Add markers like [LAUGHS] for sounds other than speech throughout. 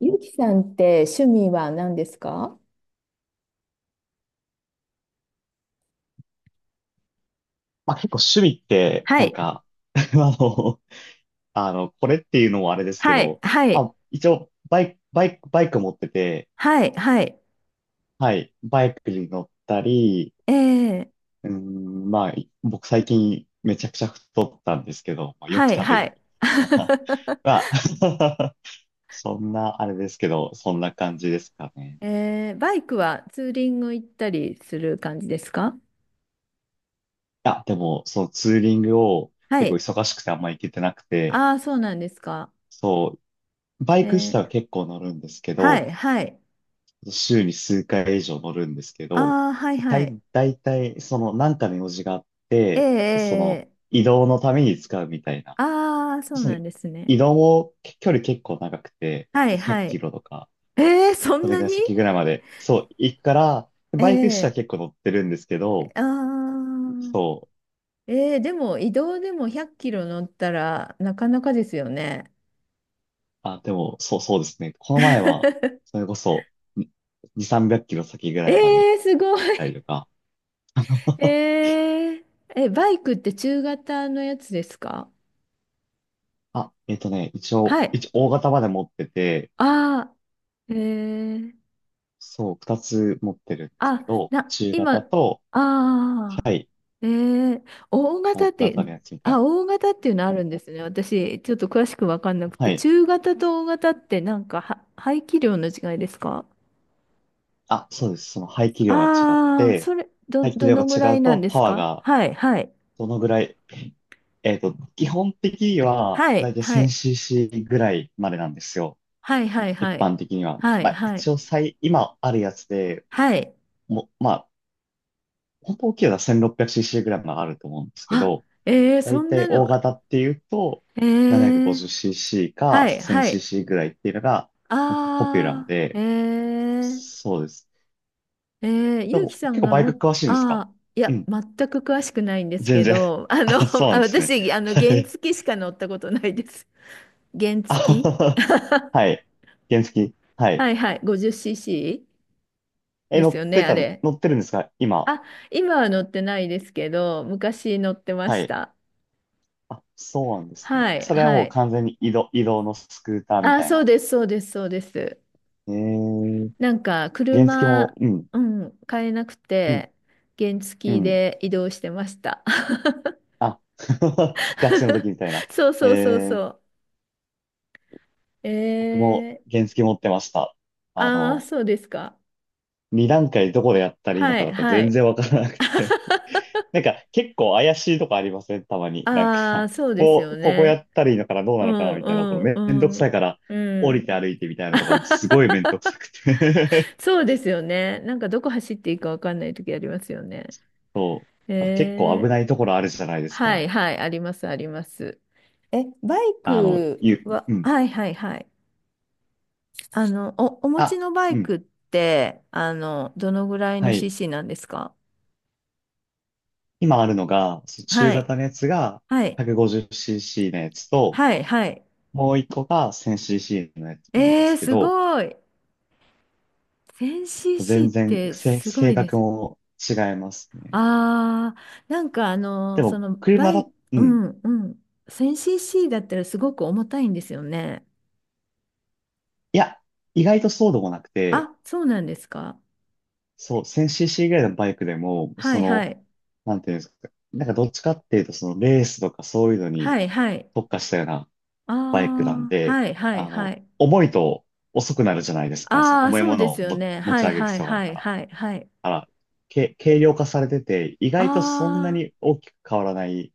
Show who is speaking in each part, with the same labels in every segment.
Speaker 1: ゆきさんって趣味は何ですか？
Speaker 2: まあ結構趣味って、
Speaker 1: は
Speaker 2: なん
Speaker 1: い、
Speaker 2: か [LAUGHS] あの、これっていうのもあれですけ
Speaker 1: はい、
Speaker 2: ど、
Speaker 1: は
Speaker 2: ま
Speaker 1: い、
Speaker 2: あ、一応、バイク持ってて、
Speaker 1: はい、はい。
Speaker 2: はい、バイクに乗ったり、
Speaker 1: えー、
Speaker 2: まあ、僕最近めちゃくちゃ太ったんですけど、まあ、よく
Speaker 1: はい、
Speaker 2: 食べ
Speaker 1: は
Speaker 2: る
Speaker 1: い。
Speaker 2: こととか。[LAUGHS] まあ [LAUGHS] そんな、あれですけど、そんな感じですか
Speaker 1: [LAUGHS]
Speaker 2: ね。
Speaker 1: えー、バイクはツーリング行ったりする感じですか？
Speaker 2: あ、でも、そのツーリングを
Speaker 1: は
Speaker 2: 結構
Speaker 1: い。
Speaker 2: 忙しくてあんま行けてなくて、
Speaker 1: ああ、そうなんですか。
Speaker 2: そう、バイク自
Speaker 1: え
Speaker 2: 体は
Speaker 1: ー、
Speaker 2: 結構乗るんですけ
Speaker 1: は
Speaker 2: ど、
Speaker 1: い、はい。
Speaker 2: 週に数回以上乗るんですけど、
Speaker 1: ああ、はい、はい。
Speaker 2: 大体、その、なんかの用事があっ
Speaker 1: え
Speaker 2: て、その、
Speaker 1: えええ。
Speaker 2: 移動のために使うみたいな。
Speaker 1: ああー、そう
Speaker 2: その、
Speaker 1: なんですね。
Speaker 2: 移動も距離結構長くて、
Speaker 1: はい、
Speaker 2: 100
Speaker 1: は
Speaker 2: キ
Speaker 1: い。
Speaker 2: ロとか、
Speaker 1: えー、そん
Speaker 2: それ
Speaker 1: な
Speaker 2: が
Speaker 1: に。
Speaker 2: 先ぐらいまで、そう、行くから、
Speaker 1: え
Speaker 2: バイク車は
Speaker 1: え。
Speaker 2: 結構乗ってるんですけど、
Speaker 1: ああ、
Speaker 2: そう、
Speaker 1: えー、でも移動でも100キロ乗ったらなかなかですよね。
Speaker 2: あ、でも、そう、そうですね。この前は、
Speaker 1: [LAUGHS]
Speaker 2: それこそ、2、300キロ先ぐ
Speaker 1: え
Speaker 2: らいまで行っ
Speaker 1: ー、すご
Speaker 2: たり
Speaker 1: い。
Speaker 2: とか、
Speaker 1: [LAUGHS] え
Speaker 2: [LAUGHS]
Speaker 1: ー、え、バイクって中型のやつですか？
Speaker 2: あ、
Speaker 1: はい。
Speaker 2: 一応大型まで持ってて、
Speaker 1: ああ、えー、
Speaker 2: そう、二つ持ってるんですけ
Speaker 1: あ、
Speaker 2: ど、
Speaker 1: な、
Speaker 2: 中
Speaker 1: 今、
Speaker 2: 型
Speaker 1: あ
Speaker 2: と、
Speaker 1: あ、
Speaker 2: はい、
Speaker 1: えー、大型
Speaker 2: 大
Speaker 1: っ
Speaker 2: 型
Speaker 1: て、
Speaker 2: のやつみた
Speaker 1: あ、
Speaker 2: い
Speaker 1: 大型っていうのあるんですね。私、ちょっと詳しくわかんなく
Speaker 2: な。は
Speaker 1: て、
Speaker 2: い。
Speaker 1: 中型と大型ってなんかは、排気量の違いですか？
Speaker 2: あ、そうです。その排気量が違っ
Speaker 1: ああー、
Speaker 2: て、
Speaker 1: それ、ど、
Speaker 2: 排気
Speaker 1: ど
Speaker 2: 量が
Speaker 1: のぐら
Speaker 2: 違
Speaker 1: い
Speaker 2: う
Speaker 1: なん
Speaker 2: と
Speaker 1: で
Speaker 2: パ
Speaker 1: す
Speaker 2: ワー
Speaker 1: か？
Speaker 2: が
Speaker 1: はい、はい。
Speaker 2: どのぐらい、基本的には
Speaker 1: は
Speaker 2: 大
Speaker 1: い、
Speaker 2: 体
Speaker 1: はい。
Speaker 2: 1000cc ぐらいまでなんですよ。
Speaker 1: はい、はい、
Speaker 2: 一
Speaker 1: はい。
Speaker 2: 般的には。
Speaker 1: はい、
Speaker 2: まあ
Speaker 1: はい。
Speaker 2: 一応今あるやつで、
Speaker 1: はい。
Speaker 2: もまあ、本当大きいのは 1600cc ぐらいまであると思うんですけ
Speaker 1: あ、
Speaker 2: ど、
Speaker 1: えー、
Speaker 2: だ
Speaker 1: そ
Speaker 2: い
Speaker 1: ん
Speaker 2: たい
Speaker 1: な
Speaker 2: 大
Speaker 1: の。
Speaker 2: 型っていうと、
Speaker 1: えー、
Speaker 2: 750cc か
Speaker 1: はい、はい。
Speaker 2: 1000cc ぐらいっていうのがポピュラー
Speaker 1: あー、
Speaker 2: で、
Speaker 1: え
Speaker 2: そうです。
Speaker 1: ー、えー、
Speaker 2: で
Speaker 1: ゆうき
Speaker 2: も
Speaker 1: さ
Speaker 2: 結
Speaker 1: ん
Speaker 2: 構
Speaker 1: が
Speaker 2: バイク
Speaker 1: も、
Speaker 2: 詳しいんですか？
Speaker 1: あー、い
Speaker 2: う
Speaker 1: や、
Speaker 2: ん、
Speaker 1: 全く詳しくないんです
Speaker 2: 全
Speaker 1: け
Speaker 2: 然。
Speaker 1: ど、[LAUGHS]
Speaker 2: [LAUGHS] あ、そう
Speaker 1: [LAUGHS]
Speaker 2: な
Speaker 1: あ、
Speaker 2: んですね。
Speaker 1: 私、
Speaker 2: は
Speaker 1: 原
Speaker 2: い。
Speaker 1: 付しか乗ったことないです。[LAUGHS] 原
Speaker 2: あ
Speaker 1: 付。
Speaker 2: はは。はい。原付。はい。
Speaker 1: はい、はい、50cc
Speaker 2: え、
Speaker 1: ですよね、あれ。
Speaker 2: 乗ってるんですか今？
Speaker 1: あ、今は乗ってないですけど、昔乗ってま
Speaker 2: は
Speaker 1: し
Speaker 2: い。
Speaker 1: た。
Speaker 2: あ、そうなんですね。
Speaker 1: はい、
Speaker 2: それは
Speaker 1: は
Speaker 2: もう
Speaker 1: い。
Speaker 2: 完全に移動のスクーターみ
Speaker 1: あ、
Speaker 2: たい
Speaker 1: そう
Speaker 2: な。
Speaker 1: です、そうです、そうです。
Speaker 2: えー、
Speaker 1: なんか、
Speaker 2: 原付も、
Speaker 1: 車、
Speaker 2: うん、
Speaker 1: うん、買えなく
Speaker 2: うん、
Speaker 1: て、原
Speaker 2: う
Speaker 1: 付
Speaker 2: ん。
Speaker 1: で移動してました。
Speaker 2: あ、[LAUGHS] 学生の時
Speaker 1: [LAUGHS]
Speaker 2: みたいな。
Speaker 1: そう
Speaker 2: え
Speaker 1: そうそう
Speaker 2: え、
Speaker 1: そう。え
Speaker 2: 僕も
Speaker 1: ー、
Speaker 2: 原付持ってました。あ
Speaker 1: ああ、
Speaker 2: の、
Speaker 1: そうですか。
Speaker 2: 2段階どこでやったらいいの
Speaker 1: は
Speaker 2: か
Speaker 1: い、
Speaker 2: とか
Speaker 1: は
Speaker 2: 全
Speaker 1: い。
Speaker 2: 然わからなくて。
Speaker 1: [LAUGHS]
Speaker 2: [LAUGHS] なんか結構怪しいとこありません？たまに。なんか、
Speaker 1: ああ、そうですよ
Speaker 2: ここや
Speaker 1: ね。
Speaker 2: ったらいいのかなどうな
Speaker 1: う
Speaker 2: のかな
Speaker 1: ん、
Speaker 2: み
Speaker 1: う
Speaker 2: たいなところ
Speaker 1: ん、
Speaker 2: めんどく
Speaker 1: う
Speaker 2: さい
Speaker 1: ん、
Speaker 2: から降
Speaker 1: う
Speaker 2: りて
Speaker 1: ん。
Speaker 2: 歩いてみたいなのとかもすごいめんど
Speaker 1: [LAUGHS]
Speaker 2: くさくて。
Speaker 1: そうですよね。なんかどこ走っていいかわかんない時ありますよね。
Speaker 2: [LAUGHS] そう。結構
Speaker 1: え
Speaker 2: 危ない
Speaker 1: え。
Speaker 2: ところあるじゃないです
Speaker 1: は
Speaker 2: か。
Speaker 1: い、はい、あります、あります。え、バイクは、
Speaker 2: うん。
Speaker 1: はいはいはい。お、お持ち
Speaker 2: あ、
Speaker 1: のバ
Speaker 2: う
Speaker 1: イ
Speaker 2: ん。
Speaker 1: クって、どのぐらい
Speaker 2: は
Speaker 1: の
Speaker 2: い。
Speaker 1: CC なんですか？
Speaker 2: 今あるのが、その中
Speaker 1: はい。
Speaker 2: 型のやつが
Speaker 1: はい。
Speaker 2: 150cc のやつと、
Speaker 1: はい、はい。
Speaker 2: もう一個が 1000cc のやつなんで
Speaker 1: えー、
Speaker 2: すけ
Speaker 1: す
Speaker 2: ど、
Speaker 1: ごい。
Speaker 2: 全
Speaker 1: 1000cc っ
Speaker 2: 然
Speaker 1: てすご
Speaker 2: 性
Speaker 1: いで
Speaker 2: 格
Speaker 1: す。
Speaker 2: も違いますね。
Speaker 1: あー、
Speaker 2: でも、車だ、う
Speaker 1: う
Speaker 2: ん。
Speaker 1: んうん。1000cc だったらすごく重たいんですよね。
Speaker 2: いや、意外とそうでもなくて、
Speaker 1: あ、そうなんですか。
Speaker 2: そう、1000cc ぐらいのバイクでも、
Speaker 1: は
Speaker 2: そ
Speaker 1: い、は
Speaker 2: の、
Speaker 1: い。
Speaker 2: なんていうんですか、なんかどっちかっていうと、そのレースとかそういうのに
Speaker 1: はい、はい。
Speaker 2: 特化したような
Speaker 1: あ
Speaker 2: バイクなん
Speaker 1: あ、
Speaker 2: で、
Speaker 1: はいはいはい。
Speaker 2: 重いと遅くなるじゃないですか、そう、
Speaker 1: ああ、
Speaker 2: 重い
Speaker 1: そう
Speaker 2: も
Speaker 1: で
Speaker 2: の
Speaker 1: す
Speaker 2: を
Speaker 1: よ
Speaker 2: も
Speaker 1: ね。
Speaker 2: 持
Speaker 1: は
Speaker 2: ち
Speaker 1: い
Speaker 2: 上げる
Speaker 1: はい
Speaker 2: 必要がある
Speaker 1: は
Speaker 2: か
Speaker 1: い
Speaker 2: ら。
Speaker 1: はいはい。
Speaker 2: あら、け、軽量化されてて、意
Speaker 1: あ
Speaker 2: 外とそんな
Speaker 1: あ、
Speaker 2: に大きく変わらない、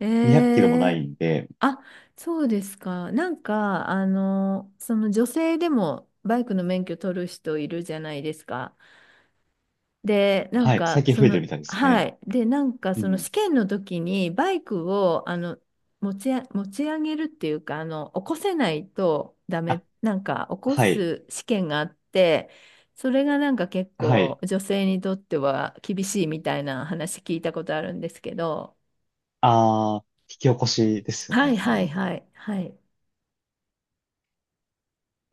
Speaker 1: え
Speaker 2: 200キロもない
Speaker 1: え。
Speaker 2: んで、
Speaker 1: あ、そうですか。なんか、あの、その女性でもバイクの免許取る人いるじゃないですか。で、なん
Speaker 2: はい、最
Speaker 1: か、
Speaker 2: 近
Speaker 1: そ
Speaker 2: 増えてる
Speaker 1: の、
Speaker 2: みたいです
Speaker 1: は
Speaker 2: ね。
Speaker 1: い。で、なんか、
Speaker 2: う
Speaker 1: その
Speaker 2: ん。
Speaker 1: 試験の時に、バイクを、あの、持ち上げるっていうか、あの、起こせないとダメ、
Speaker 2: あ、
Speaker 1: なんか、起こ
Speaker 2: はい、
Speaker 1: す試験があって、それがなんか結
Speaker 2: は
Speaker 1: 構、
Speaker 2: い。
Speaker 1: 女性にとっては厳しいみたいな話聞いたことあるんですけど、
Speaker 2: 引き起こしですよ
Speaker 1: はい、
Speaker 2: ね、多
Speaker 1: はい、
Speaker 2: 分。
Speaker 1: はい、はい。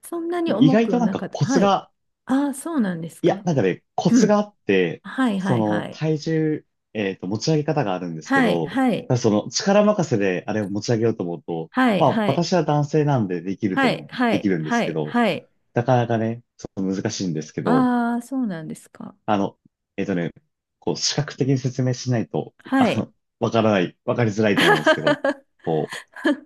Speaker 1: そんな
Speaker 2: で
Speaker 1: に
Speaker 2: も意
Speaker 1: 重
Speaker 2: 外と
Speaker 1: く
Speaker 2: なん
Speaker 1: な
Speaker 2: か
Speaker 1: かった。
Speaker 2: コツ
Speaker 1: はい。
Speaker 2: が、
Speaker 1: ああ、そうなんです
Speaker 2: いや、
Speaker 1: か。
Speaker 2: なんかね、コ
Speaker 1: う
Speaker 2: ツがあ
Speaker 1: ん。
Speaker 2: って、
Speaker 1: はい、は
Speaker 2: そ
Speaker 1: い、
Speaker 2: の
Speaker 1: はい。
Speaker 2: 体重、持ち上げ方があるんですけ
Speaker 1: はい、
Speaker 2: ど、
Speaker 1: はい、
Speaker 2: ただその力任せであれを持ち上げようと思うと、
Speaker 1: はい、
Speaker 2: まあ
Speaker 1: はい。
Speaker 2: 私は男性なんでできると
Speaker 1: は
Speaker 2: 思
Speaker 1: い、
Speaker 2: う、
Speaker 1: は
Speaker 2: でき
Speaker 1: い、
Speaker 2: るんで
Speaker 1: は
Speaker 2: すけ
Speaker 1: い、
Speaker 2: ど、
Speaker 1: はい。
Speaker 2: なかなかね、その難しいんですけど、
Speaker 1: ああ、そうなんですか。
Speaker 2: あの、えっとね、こう、視覚的に説明しないと、
Speaker 1: はい。
Speaker 2: わからない、わかりづらいと思うんですけど、
Speaker 1: [LAUGHS]
Speaker 2: こう、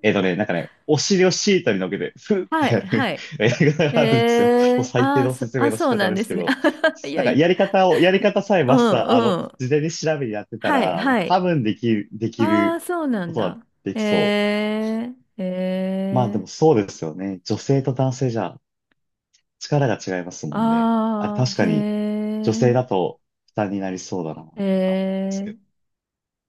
Speaker 2: なんかね、お尻をシートに乗っけて、ふっ
Speaker 1: は
Speaker 2: てや
Speaker 1: い、は
Speaker 2: る
Speaker 1: い。
Speaker 2: [LAUGHS] やり方
Speaker 1: え
Speaker 2: があるんですよ。もう
Speaker 1: え。
Speaker 2: 最低
Speaker 1: ああ、
Speaker 2: の
Speaker 1: そ、
Speaker 2: 説明
Speaker 1: あ、
Speaker 2: の仕
Speaker 1: そう
Speaker 2: 方
Speaker 1: なん
Speaker 2: で
Speaker 1: で
Speaker 2: すけ
Speaker 1: すね。
Speaker 2: ど、
Speaker 1: [LAUGHS] い
Speaker 2: な
Speaker 1: や
Speaker 2: ん
Speaker 1: い
Speaker 2: か
Speaker 1: や。
Speaker 2: やり方を、やり方さえ
Speaker 1: う
Speaker 2: マスター、
Speaker 1: ん、うん。
Speaker 2: 事前に調べにやってた
Speaker 1: はい、
Speaker 2: ら、
Speaker 1: は
Speaker 2: 多
Speaker 1: い。
Speaker 2: 分できる、でき
Speaker 1: ああ、
Speaker 2: る
Speaker 1: そうな
Speaker 2: こ
Speaker 1: ん
Speaker 2: とは
Speaker 1: だ。
Speaker 2: できそ
Speaker 1: えええ
Speaker 2: う。まあで
Speaker 1: え。
Speaker 2: もそうですよね。女性と男性じゃ力が違いますもんね。あ、
Speaker 1: ああ
Speaker 2: 確かに、女
Speaker 1: ー、
Speaker 2: 性だ
Speaker 1: へ
Speaker 2: と負担になりそうだな。
Speaker 1: え、ええ。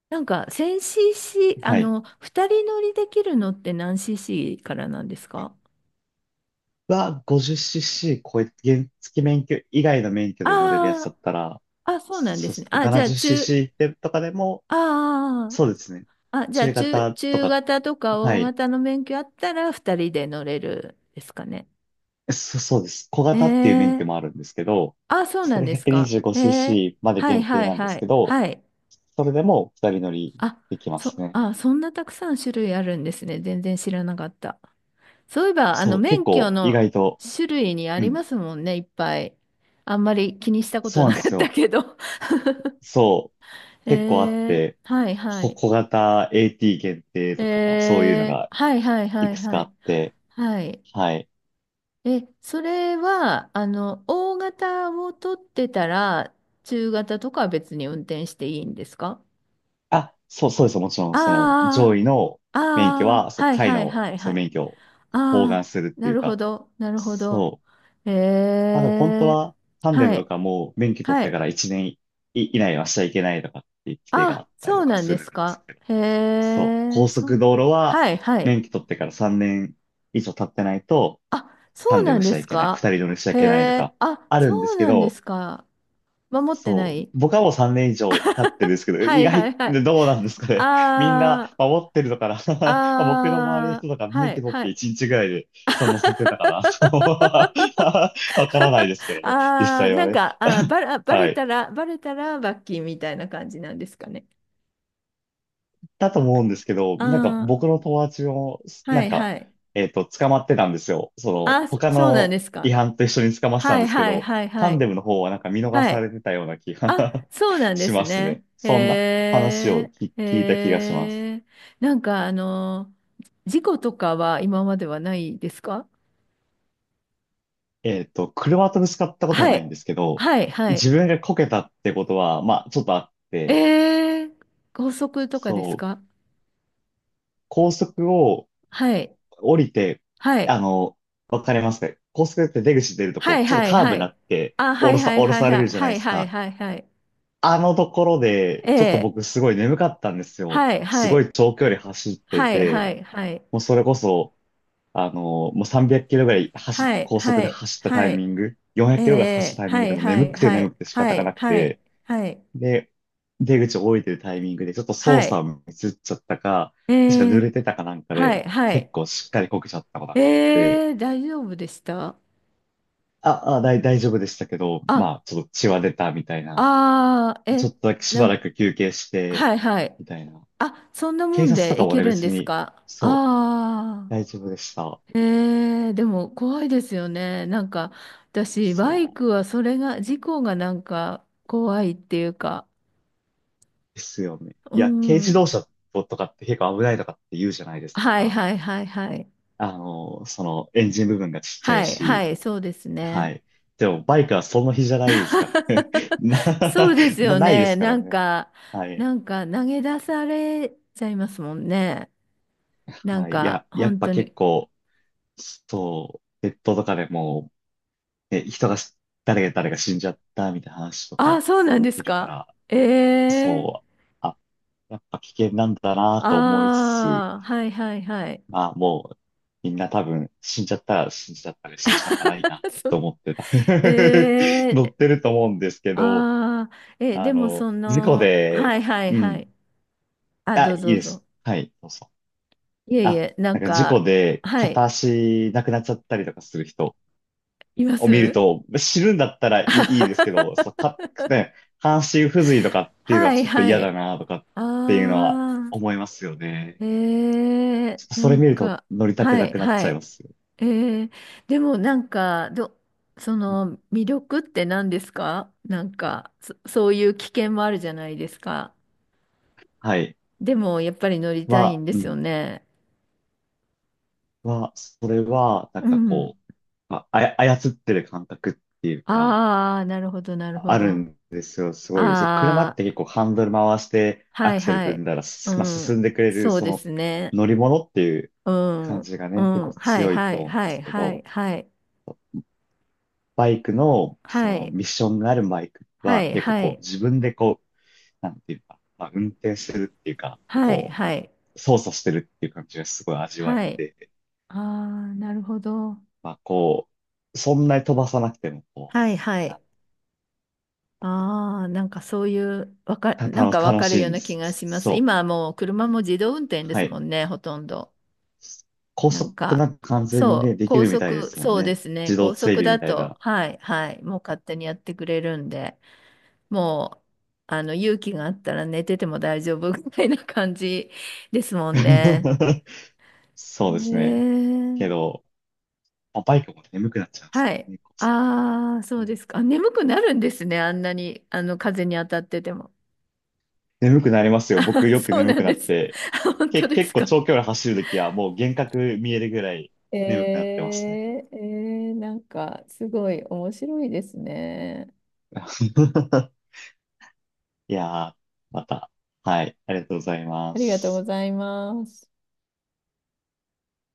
Speaker 1: なんか、1000cc、あ
Speaker 2: はい。
Speaker 1: の、2人乗りできるのって何 cc からなんですか？
Speaker 2: 50cc 超え、原付免許以外の免許で乗れるやつ
Speaker 1: あ
Speaker 2: だったら、
Speaker 1: あー、あ、そうなんで
Speaker 2: そ
Speaker 1: す
Speaker 2: し
Speaker 1: ね。
Speaker 2: て
Speaker 1: あ、
Speaker 2: な
Speaker 1: じ
Speaker 2: な
Speaker 1: ゃあ、
Speaker 2: じゅうすると
Speaker 1: 中、
Speaker 2: 70cc ってとかでも、
Speaker 1: あー
Speaker 2: そうですね。
Speaker 1: あー、あ、じゃあ
Speaker 2: 中
Speaker 1: 中、
Speaker 2: 型と
Speaker 1: 中
Speaker 2: か、
Speaker 1: 型とか
Speaker 2: は
Speaker 1: 大
Speaker 2: い。
Speaker 1: 型の免許あったら二人で乗れるですかね。
Speaker 2: そうです。小
Speaker 1: え
Speaker 2: 型っていう免許もあ
Speaker 1: え。
Speaker 2: るんですけど、
Speaker 1: あ、そう
Speaker 2: そ
Speaker 1: なん
Speaker 2: れ
Speaker 1: ですか。ええ
Speaker 2: 125cc まで
Speaker 1: はい
Speaker 2: 限定
Speaker 1: はい
Speaker 2: なんで
Speaker 1: は
Speaker 2: すけ
Speaker 1: い。
Speaker 2: ど、
Speaker 1: はい。
Speaker 2: それでも二人乗り
Speaker 1: あ、
Speaker 2: できます
Speaker 1: そ、
Speaker 2: ね。
Speaker 1: あ、そんなたくさん種類あるんですね。全然知らなかった。そういえば、
Speaker 2: そう、結
Speaker 1: 免許
Speaker 2: 構意
Speaker 1: の
Speaker 2: 外と、
Speaker 1: 種類にあ
Speaker 2: う
Speaker 1: り
Speaker 2: ん、
Speaker 1: ますもんね、いっぱい。あんまり気にしたこ
Speaker 2: そ
Speaker 1: と
Speaker 2: うな
Speaker 1: な
Speaker 2: んで
Speaker 1: かっ
Speaker 2: す
Speaker 1: た
Speaker 2: よ。
Speaker 1: けど。
Speaker 2: そう、
Speaker 1: [LAUGHS] え
Speaker 2: 結構あっ
Speaker 1: え
Speaker 2: て、
Speaker 1: はいはい。
Speaker 2: 小型 AT 限定
Speaker 1: え
Speaker 2: とか、そういうの
Speaker 1: え
Speaker 2: が
Speaker 1: はいはい
Speaker 2: い
Speaker 1: はい
Speaker 2: くつか
Speaker 1: は
Speaker 2: あ
Speaker 1: い。
Speaker 2: って、
Speaker 1: はい。
Speaker 2: はい。
Speaker 1: え、それは、あの、大型を取ってたら、中型とかは別に運転していいんですか？
Speaker 2: あ、そうです。もちろ
Speaker 1: あ
Speaker 2: ん、その上位の
Speaker 1: あ、
Speaker 2: 免許
Speaker 1: ああ、
Speaker 2: は、そう、
Speaker 1: はい
Speaker 2: 下位
Speaker 1: はい
Speaker 2: の
Speaker 1: はい
Speaker 2: そ
Speaker 1: は
Speaker 2: の
Speaker 1: い。
Speaker 2: 免許を包含
Speaker 1: ああ、
Speaker 2: するって
Speaker 1: な
Speaker 2: いう
Speaker 1: るほ
Speaker 2: か、
Speaker 1: ど、なるほど。
Speaker 2: そう。
Speaker 1: え
Speaker 2: まあでも本当
Speaker 1: え、
Speaker 2: は、タンデム
Speaker 1: は
Speaker 2: と
Speaker 1: い、
Speaker 2: かも免許取っ
Speaker 1: は
Speaker 2: てか
Speaker 1: い。
Speaker 2: ら1年以内はしちゃいけないとかっていう規定があ
Speaker 1: あ、
Speaker 2: ったり
Speaker 1: そ
Speaker 2: と
Speaker 1: う
Speaker 2: か
Speaker 1: なん
Speaker 2: す
Speaker 1: で
Speaker 2: る
Speaker 1: す
Speaker 2: んです
Speaker 1: か。
Speaker 2: けど、
Speaker 1: へ
Speaker 2: そう。
Speaker 1: え、
Speaker 2: 高
Speaker 1: そ
Speaker 2: 速
Speaker 1: う。
Speaker 2: 道路は
Speaker 1: はいはい。
Speaker 2: 免許取ってから3年以上経ってないと、
Speaker 1: あ、
Speaker 2: タ
Speaker 1: そう
Speaker 2: ンデ
Speaker 1: な
Speaker 2: ム
Speaker 1: ん
Speaker 2: しち
Speaker 1: で
Speaker 2: ゃい
Speaker 1: す
Speaker 2: けない、二
Speaker 1: か。
Speaker 2: 人乗りしちゃい
Speaker 1: へ
Speaker 2: けないとか、
Speaker 1: え、あ、
Speaker 2: あるんで
Speaker 1: そう
Speaker 2: すけ
Speaker 1: なんで
Speaker 2: ど、
Speaker 1: すか。守ってな
Speaker 2: そう。
Speaker 1: い。
Speaker 2: 僕はもう3年以上経ってるんですけど、
Speaker 1: はいはいはい。
Speaker 2: どうなんですかね。[LAUGHS] みんな
Speaker 1: あー、
Speaker 2: 守ってるのかな。 [LAUGHS] 僕の周りの
Speaker 1: あ
Speaker 2: 人
Speaker 1: ー、
Speaker 2: とか
Speaker 1: は
Speaker 2: 免
Speaker 1: い、
Speaker 2: 許取っ
Speaker 1: は
Speaker 2: て
Speaker 1: い。
Speaker 2: 1日ぐらいで人乗せてたか
Speaker 1: [LAUGHS]
Speaker 2: な。 [LAUGHS] わからないですけどね、実
Speaker 1: あー、
Speaker 2: 際は
Speaker 1: なん
Speaker 2: ね。
Speaker 1: か、
Speaker 2: [LAUGHS]
Speaker 1: バ
Speaker 2: は
Speaker 1: レ
Speaker 2: い。
Speaker 1: たら、バレたら罰金みたいな感じなんですかね。
Speaker 2: だと思うんですけど、
Speaker 1: あ
Speaker 2: なんか
Speaker 1: ー、
Speaker 2: 僕の友達も、な
Speaker 1: は
Speaker 2: ん
Speaker 1: い、
Speaker 2: か、
Speaker 1: はい。
Speaker 2: 捕まってたんですよ。その、
Speaker 1: あ、
Speaker 2: 他
Speaker 1: そうなんで
Speaker 2: の
Speaker 1: す
Speaker 2: 違
Speaker 1: か。
Speaker 2: 反と一緒に捕まってた
Speaker 1: は
Speaker 2: んで
Speaker 1: い、
Speaker 2: すけ
Speaker 1: はい、
Speaker 2: ど、
Speaker 1: はい、
Speaker 2: タ
Speaker 1: は
Speaker 2: ンデ
Speaker 1: い。
Speaker 2: ムの方はなんか見逃
Speaker 1: は
Speaker 2: さ
Speaker 1: い。
Speaker 2: れてたような気が
Speaker 1: あ、
Speaker 2: [LAUGHS]
Speaker 1: そうなんで
Speaker 2: し
Speaker 1: す
Speaker 2: ますね。
Speaker 1: ね。へ
Speaker 2: そんな話を
Speaker 1: え、へ
Speaker 2: 聞いた気がします。
Speaker 1: え。なんか、あの、事故とかは今まではないですか？
Speaker 2: 車とぶつかったことは
Speaker 1: は
Speaker 2: ないん
Speaker 1: い。
Speaker 2: ですけど、
Speaker 1: はい、はい。
Speaker 2: 自分がこけたってことは、まあ、ちょっとあって、
Speaker 1: ええ、高速とかで
Speaker 2: そ
Speaker 1: す
Speaker 2: う、
Speaker 1: か？
Speaker 2: 高速を
Speaker 1: はい。
Speaker 2: 降りて、
Speaker 1: は
Speaker 2: あ
Speaker 1: い。
Speaker 2: の、わかりますか？高速って出口出ると
Speaker 1: は
Speaker 2: こ
Speaker 1: い、
Speaker 2: う、ちょっと
Speaker 1: はい、
Speaker 2: カーブ
Speaker 1: は
Speaker 2: にな
Speaker 1: い。
Speaker 2: って、
Speaker 1: あ、はい、はい、
Speaker 2: 降ろ
Speaker 1: はい、
Speaker 2: され
Speaker 1: は
Speaker 2: る
Speaker 1: い。
Speaker 2: じゃない
Speaker 1: は
Speaker 2: で
Speaker 1: い、
Speaker 2: す
Speaker 1: はい、
Speaker 2: か。
Speaker 1: はい、はい。
Speaker 2: あのところで、
Speaker 1: え
Speaker 2: ちょっと
Speaker 1: え。
Speaker 2: 僕すごい眠かったんですよ。
Speaker 1: はい、
Speaker 2: す
Speaker 1: は
Speaker 2: ご
Speaker 1: い。
Speaker 2: い長距離走って
Speaker 1: はい、は
Speaker 2: て、
Speaker 1: い、はい。
Speaker 2: もうそれこそ、もう300キロぐらい
Speaker 1: はい、
Speaker 2: 高速
Speaker 1: は
Speaker 2: で
Speaker 1: い、
Speaker 2: 走ったタ
Speaker 1: は
Speaker 2: イミ
Speaker 1: い。
Speaker 2: ング、400
Speaker 1: え
Speaker 2: キロぐらい走っ
Speaker 1: え。
Speaker 2: たタイミン
Speaker 1: は
Speaker 2: グで
Speaker 1: い、
Speaker 2: も
Speaker 1: は
Speaker 2: 眠
Speaker 1: い、
Speaker 2: くて
Speaker 1: は
Speaker 2: 眠
Speaker 1: い。
Speaker 2: くて仕
Speaker 1: は
Speaker 2: 方が
Speaker 1: い、
Speaker 2: なく
Speaker 1: はい、
Speaker 2: て、
Speaker 1: はい。
Speaker 2: で、出口を降りてるタイミングでちょっと操
Speaker 1: は
Speaker 2: 作
Speaker 1: い。
Speaker 2: をミスっちゃったか、
Speaker 1: え
Speaker 2: 確か濡
Speaker 1: え。
Speaker 2: れてたかなんか
Speaker 1: は
Speaker 2: で、
Speaker 1: い、は
Speaker 2: 結
Speaker 1: い。
Speaker 2: 構しっかりこけちゃったことがあって、
Speaker 1: ええ、大丈夫でした？
Speaker 2: 大丈夫でしたけど、ま
Speaker 1: あ、
Speaker 2: あ、ちょっと血は出たみたいな。
Speaker 1: ああ、
Speaker 2: ちょ
Speaker 1: え、
Speaker 2: っとだけし
Speaker 1: な
Speaker 2: ば
Speaker 1: ん、
Speaker 2: らく休憩して、
Speaker 1: はい、はい。
Speaker 2: みたいな。
Speaker 1: あ、そんなも
Speaker 2: 警
Speaker 1: ん
Speaker 2: 察と
Speaker 1: で
Speaker 2: か
Speaker 1: い
Speaker 2: も
Speaker 1: け
Speaker 2: ね、
Speaker 1: るん
Speaker 2: 別
Speaker 1: です
Speaker 2: に、
Speaker 1: か？あ
Speaker 2: そ
Speaker 1: あ
Speaker 2: う、
Speaker 1: ー。
Speaker 2: 大丈夫でした。
Speaker 1: えー、でも怖いですよね。なんか私
Speaker 2: そ
Speaker 1: バイ
Speaker 2: う
Speaker 1: クはそれが事故がなんか怖いっていうか。
Speaker 2: ですよね。
Speaker 1: う
Speaker 2: いや、軽自動
Speaker 1: ん。
Speaker 2: 車とかって結構危ないとかって言うじゃないです
Speaker 1: はい
Speaker 2: か。
Speaker 1: はいはいはい。
Speaker 2: その、エンジン部分がちっちゃ
Speaker 1: は
Speaker 2: い
Speaker 1: いは
Speaker 2: し、
Speaker 1: いそうです
Speaker 2: は
Speaker 1: ね。
Speaker 2: い。でも、バイクはその日じゃないですから
Speaker 1: [LAUGHS]
Speaker 2: ね。[LAUGHS]
Speaker 1: そう
Speaker 2: な、
Speaker 1: ですよ
Speaker 2: ないで
Speaker 1: ね。
Speaker 2: すか
Speaker 1: な
Speaker 2: ら
Speaker 1: ん
Speaker 2: ね。
Speaker 1: か、
Speaker 2: はい。
Speaker 1: なんか投げ出されちゃいますもんね。なん
Speaker 2: はい。い
Speaker 1: か
Speaker 2: や、やっ
Speaker 1: 本
Speaker 2: ぱ
Speaker 1: 当
Speaker 2: 結
Speaker 1: に。
Speaker 2: 構、そう、ネットとかでも、ね、人がし、誰が死んじゃったみたいな話と
Speaker 1: ああ
Speaker 2: か
Speaker 1: そうなんです
Speaker 2: いるか
Speaker 1: か。
Speaker 2: ら、
Speaker 1: ええー。
Speaker 2: そう、あ、やっぱ危険なんだなと思いつつ、
Speaker 1: ああはいはいはい。
Speaker 2: まあもう、みんな多分死んじゃったら死んじゃったで仕方ないな
Speaker 1: [LAUGHS] そ
Speaker 2: と
Speaker 1: う。
Speaker 2: 思ってた。[LAUGHS]
Speaker 1: え
Speaker 2: 乗
Speaker 1: ー、
Speaker 2: ってると思うんですけど、
Speaker 1: あー。え、でもそ
Speaker 2: 事故
Speaker 1: の、はい
Speaker 2: で、
Speaker 1: はい
Speaker 2: う
Speaker 1: は
Speaker 2: ん、
Speaker 1: い。あ、どうぞどうぞ。
Speaker 2: はい、そうそう。
Speaker 1: いえい
Speaker 2: あ、
Speaker 1: え、な
Speaker 2: な
Speaker 1: ん
Speaker 2: んか事故
Speaker 1: か、
Speaker 2: で
Speaker 1: は
Speaker 2: 片
Speaker 1: い、
Speaker 2: 足なくなっちゃったりとかする人、
Speaker 1: いま
Speaker 2: を見る
Speaker 1: す？
Speaker 2: と、知るんだったら
Speaker 1: [LAUGHS]
Speaker 2: いいですけど、そう、ね、半身不随とかっていうの
Speaker 1: は
Speaker 2: は
Speaker 1: い
Speaker 2: ちょっと
Speaker 1: は
Speaker 2: 嫌だ
Speaker 1: い。
Speaker 2: なとかっていうのは
Speaker 1: ああ、
Speaker 2: 思いますよね。
Speaker 1: えー、
Speaker 2: ちょっと
Speaker 1: な
Speaker 2: それ
Speaker 1: ん
Speaker 2: 見ると
Speaker 1: か、
Speaker 2: 乗りたく
Speaker 1: は
Speaker 2: な
Speaker 1: い
Speaker 2: くなっ
Speaker 1: は
Speaker 2: ちゃいま
Speaker 1: い。
Speaker 2: すよ。
Speaker 1: えー、でもなんか、ど、その魅力って何ですか？なんか、そういう危険もあるじゃないですか。
Speaker 2: はい。
Speaker 1: でもやっぱり乗りたいんで
Speaker 2: う
Speaker 1: すよ
Speaker 2: ん。
Speaker 1: ね。
Speaker 2: それは、なん
Speaker 1: う
Speaker 2: か
Speaker 1: ん。
Speaker 2: こう、まあ、操ってる感覚っていうか、
Speaker 1: ああ、なるほど、なるほ
Speaker 2: ある
Speaker 1: ど。
Speaker 2: んですよ。すごい。そう、車っ
Speaker 1: あ
Speaker 2: て結
Speaker 1: あ、
Speaker 2: 構ハンドル回してア
Speaker 1: はい
Speaker 2: クセル
Speaker 1: は
Speaker 2: 踏
Speaker 1: い。
Speaker 2: んだら、
Speaker 1: う
Speaker 2: まあ、進
Speaker 1: ん。
Speaker 2: んでくれる、
Speaker 1: そう
Speaker 2: そ
Speaker 1: で
Speaker 2: の
Speaker 1: すね。
Speaker 2: 乗り物っていう
Speaker 1: うん。
Speaker 2: 感じが
Speaker 1: う
Speaker 2: ね、結
Speaker 1: ん。
Speaker 2: 構
Speaker 1: はい
Speaker 2: 強い
Speaker 1: は
Speaker 2: と
Speaker 1: い
Speaker 2: 思うんで
Speaker 1: はい
Speaker 2: すけ
Speaker 1: はい
Speaker 2: ど、
Speaker 1: はい。
Speaker 2: バイクの、そ
Speaker 1: は
Speaker 2: の
Speaker 1: い
Speaker 2: ミッションがあるバイク
Speaker 1: は
Speaker 2: は
Speaker 1: い
Speaker 2: 結構
Speaker 1: は
Speaker 2: こう
Speaker 1: い
Speaker 2: 自分でこう、なんていうか、まあ、運転してるっていうか、
Speaker 1: はい
Speaker 2: こう、
Speaker 1: はい
Speaker 2: 操作してるっていう感じがすごい味わえ
Speaker 1: はい。
Speaker 2: て、
Speaker 1: ああ、なるほど。
Speaker 2: まあこう、そんなに飛ばさなくてもこ
Speaker 1: はいは
Speaker 2: う、
Speaker 1: い。
Speaker 2: あ
Speaker 1: ああ、なんかそういう、わか、
Speaker 2: た、
Speaker 1: な
Speaker 2: た
Speaker 1: ん
Speaker 2: の、
Speaker 1: かわ
Speaker 2: 楽
Speaker 1: かる
Speaker 2: し
Speaker 1: よ
Speaker 2: い
Speaker 1: う
Speaker 2: んで
Speaker 1: な気
Speaker 2: す。
Speaker 1: がします。
Speaker 2: そ
Speaker 1: 今
Speaker 2: う。
Speaker 1: はもう車も自動運転で
Speaker 2: は
Speaker 1: す
Speaker 2: い。
Speaker 1: もんね、ほとんど。
Speaker 2: 高
Speaker 1: なん
Speaker 2: 速な
Speaker 1: か、
Speaker 2: んか完全にね、
Speaker 1: そう、
Speaker 2: でき
Speaker 1: 高
Speaker 2: るみたいで
Speaker 1: 速、
Speaker 2: すもん
Speaker 1: そうで
Speaker 2: ね。
Speaker 1: すね。
Speaker 2: 自動
Speaker 1: 高速
Speaker 2: 追尾み
Speaker 1: だ
Speaker 2: たい
Speaker 1: と、
Speaker 2: な。
Speaker 1: はい、はい、もう勝手にやってくれるんで、もう、あの、勇気があったら寝てても大丈夫みたいな感じですもんね。
Speaker 2: [LAUGHS] そうで
Speaker 1: ね
Speaker 2: すね。け
Speaker 1: え。
Speaker 2: ど、まあバイクも眠くなっちゃうんです
Speaker 1: は
Speaker 2: よ
Speaker 1: い。
Speaker 2: ね。こ
Speaker 1: ああ、そ
Speaker 2: う
Speaker 1: うで
Speaker 2: ね
Speaker 1: すか。あ眠くなるんですね。あんなに、あの、風に当たってても。
Speaker 2: 眠くなりま
Speaker 1: [LAUGHS]
Speaker 2: すよ。僕
Speaker 1: あ、
Speaker 2: よく
Speaker 1: そう
Speaker 2: 眠
Speaker 1: な
Speaker 2: く
Speaker 1: ん
Speaker 2: な
Speaker 1: で
Speaker 2: っ
Speaker 1: す。
Speaker 2: て、
Speaker 1: [LAUGHS] あ本当で
Speaker 2: 結
Speaker 1: す
Speaker 2: 構
Speaker 1: か。
Speaker 2: 長距離走るときはもう幻覚見えるぐらい
Speaker 1: え
Speaker 2: 眠くなっ
Speaker 1: ー、
Speaker 2: てますね。
Speaker 1: えー、なんか、すごい面白いですね。
Speaker 2: [LAUGHS] いやー、また。はい、ありがとうございま
Speaker 1: ありがとうご
Speaker 2: す。
Speaker 1: ざいます。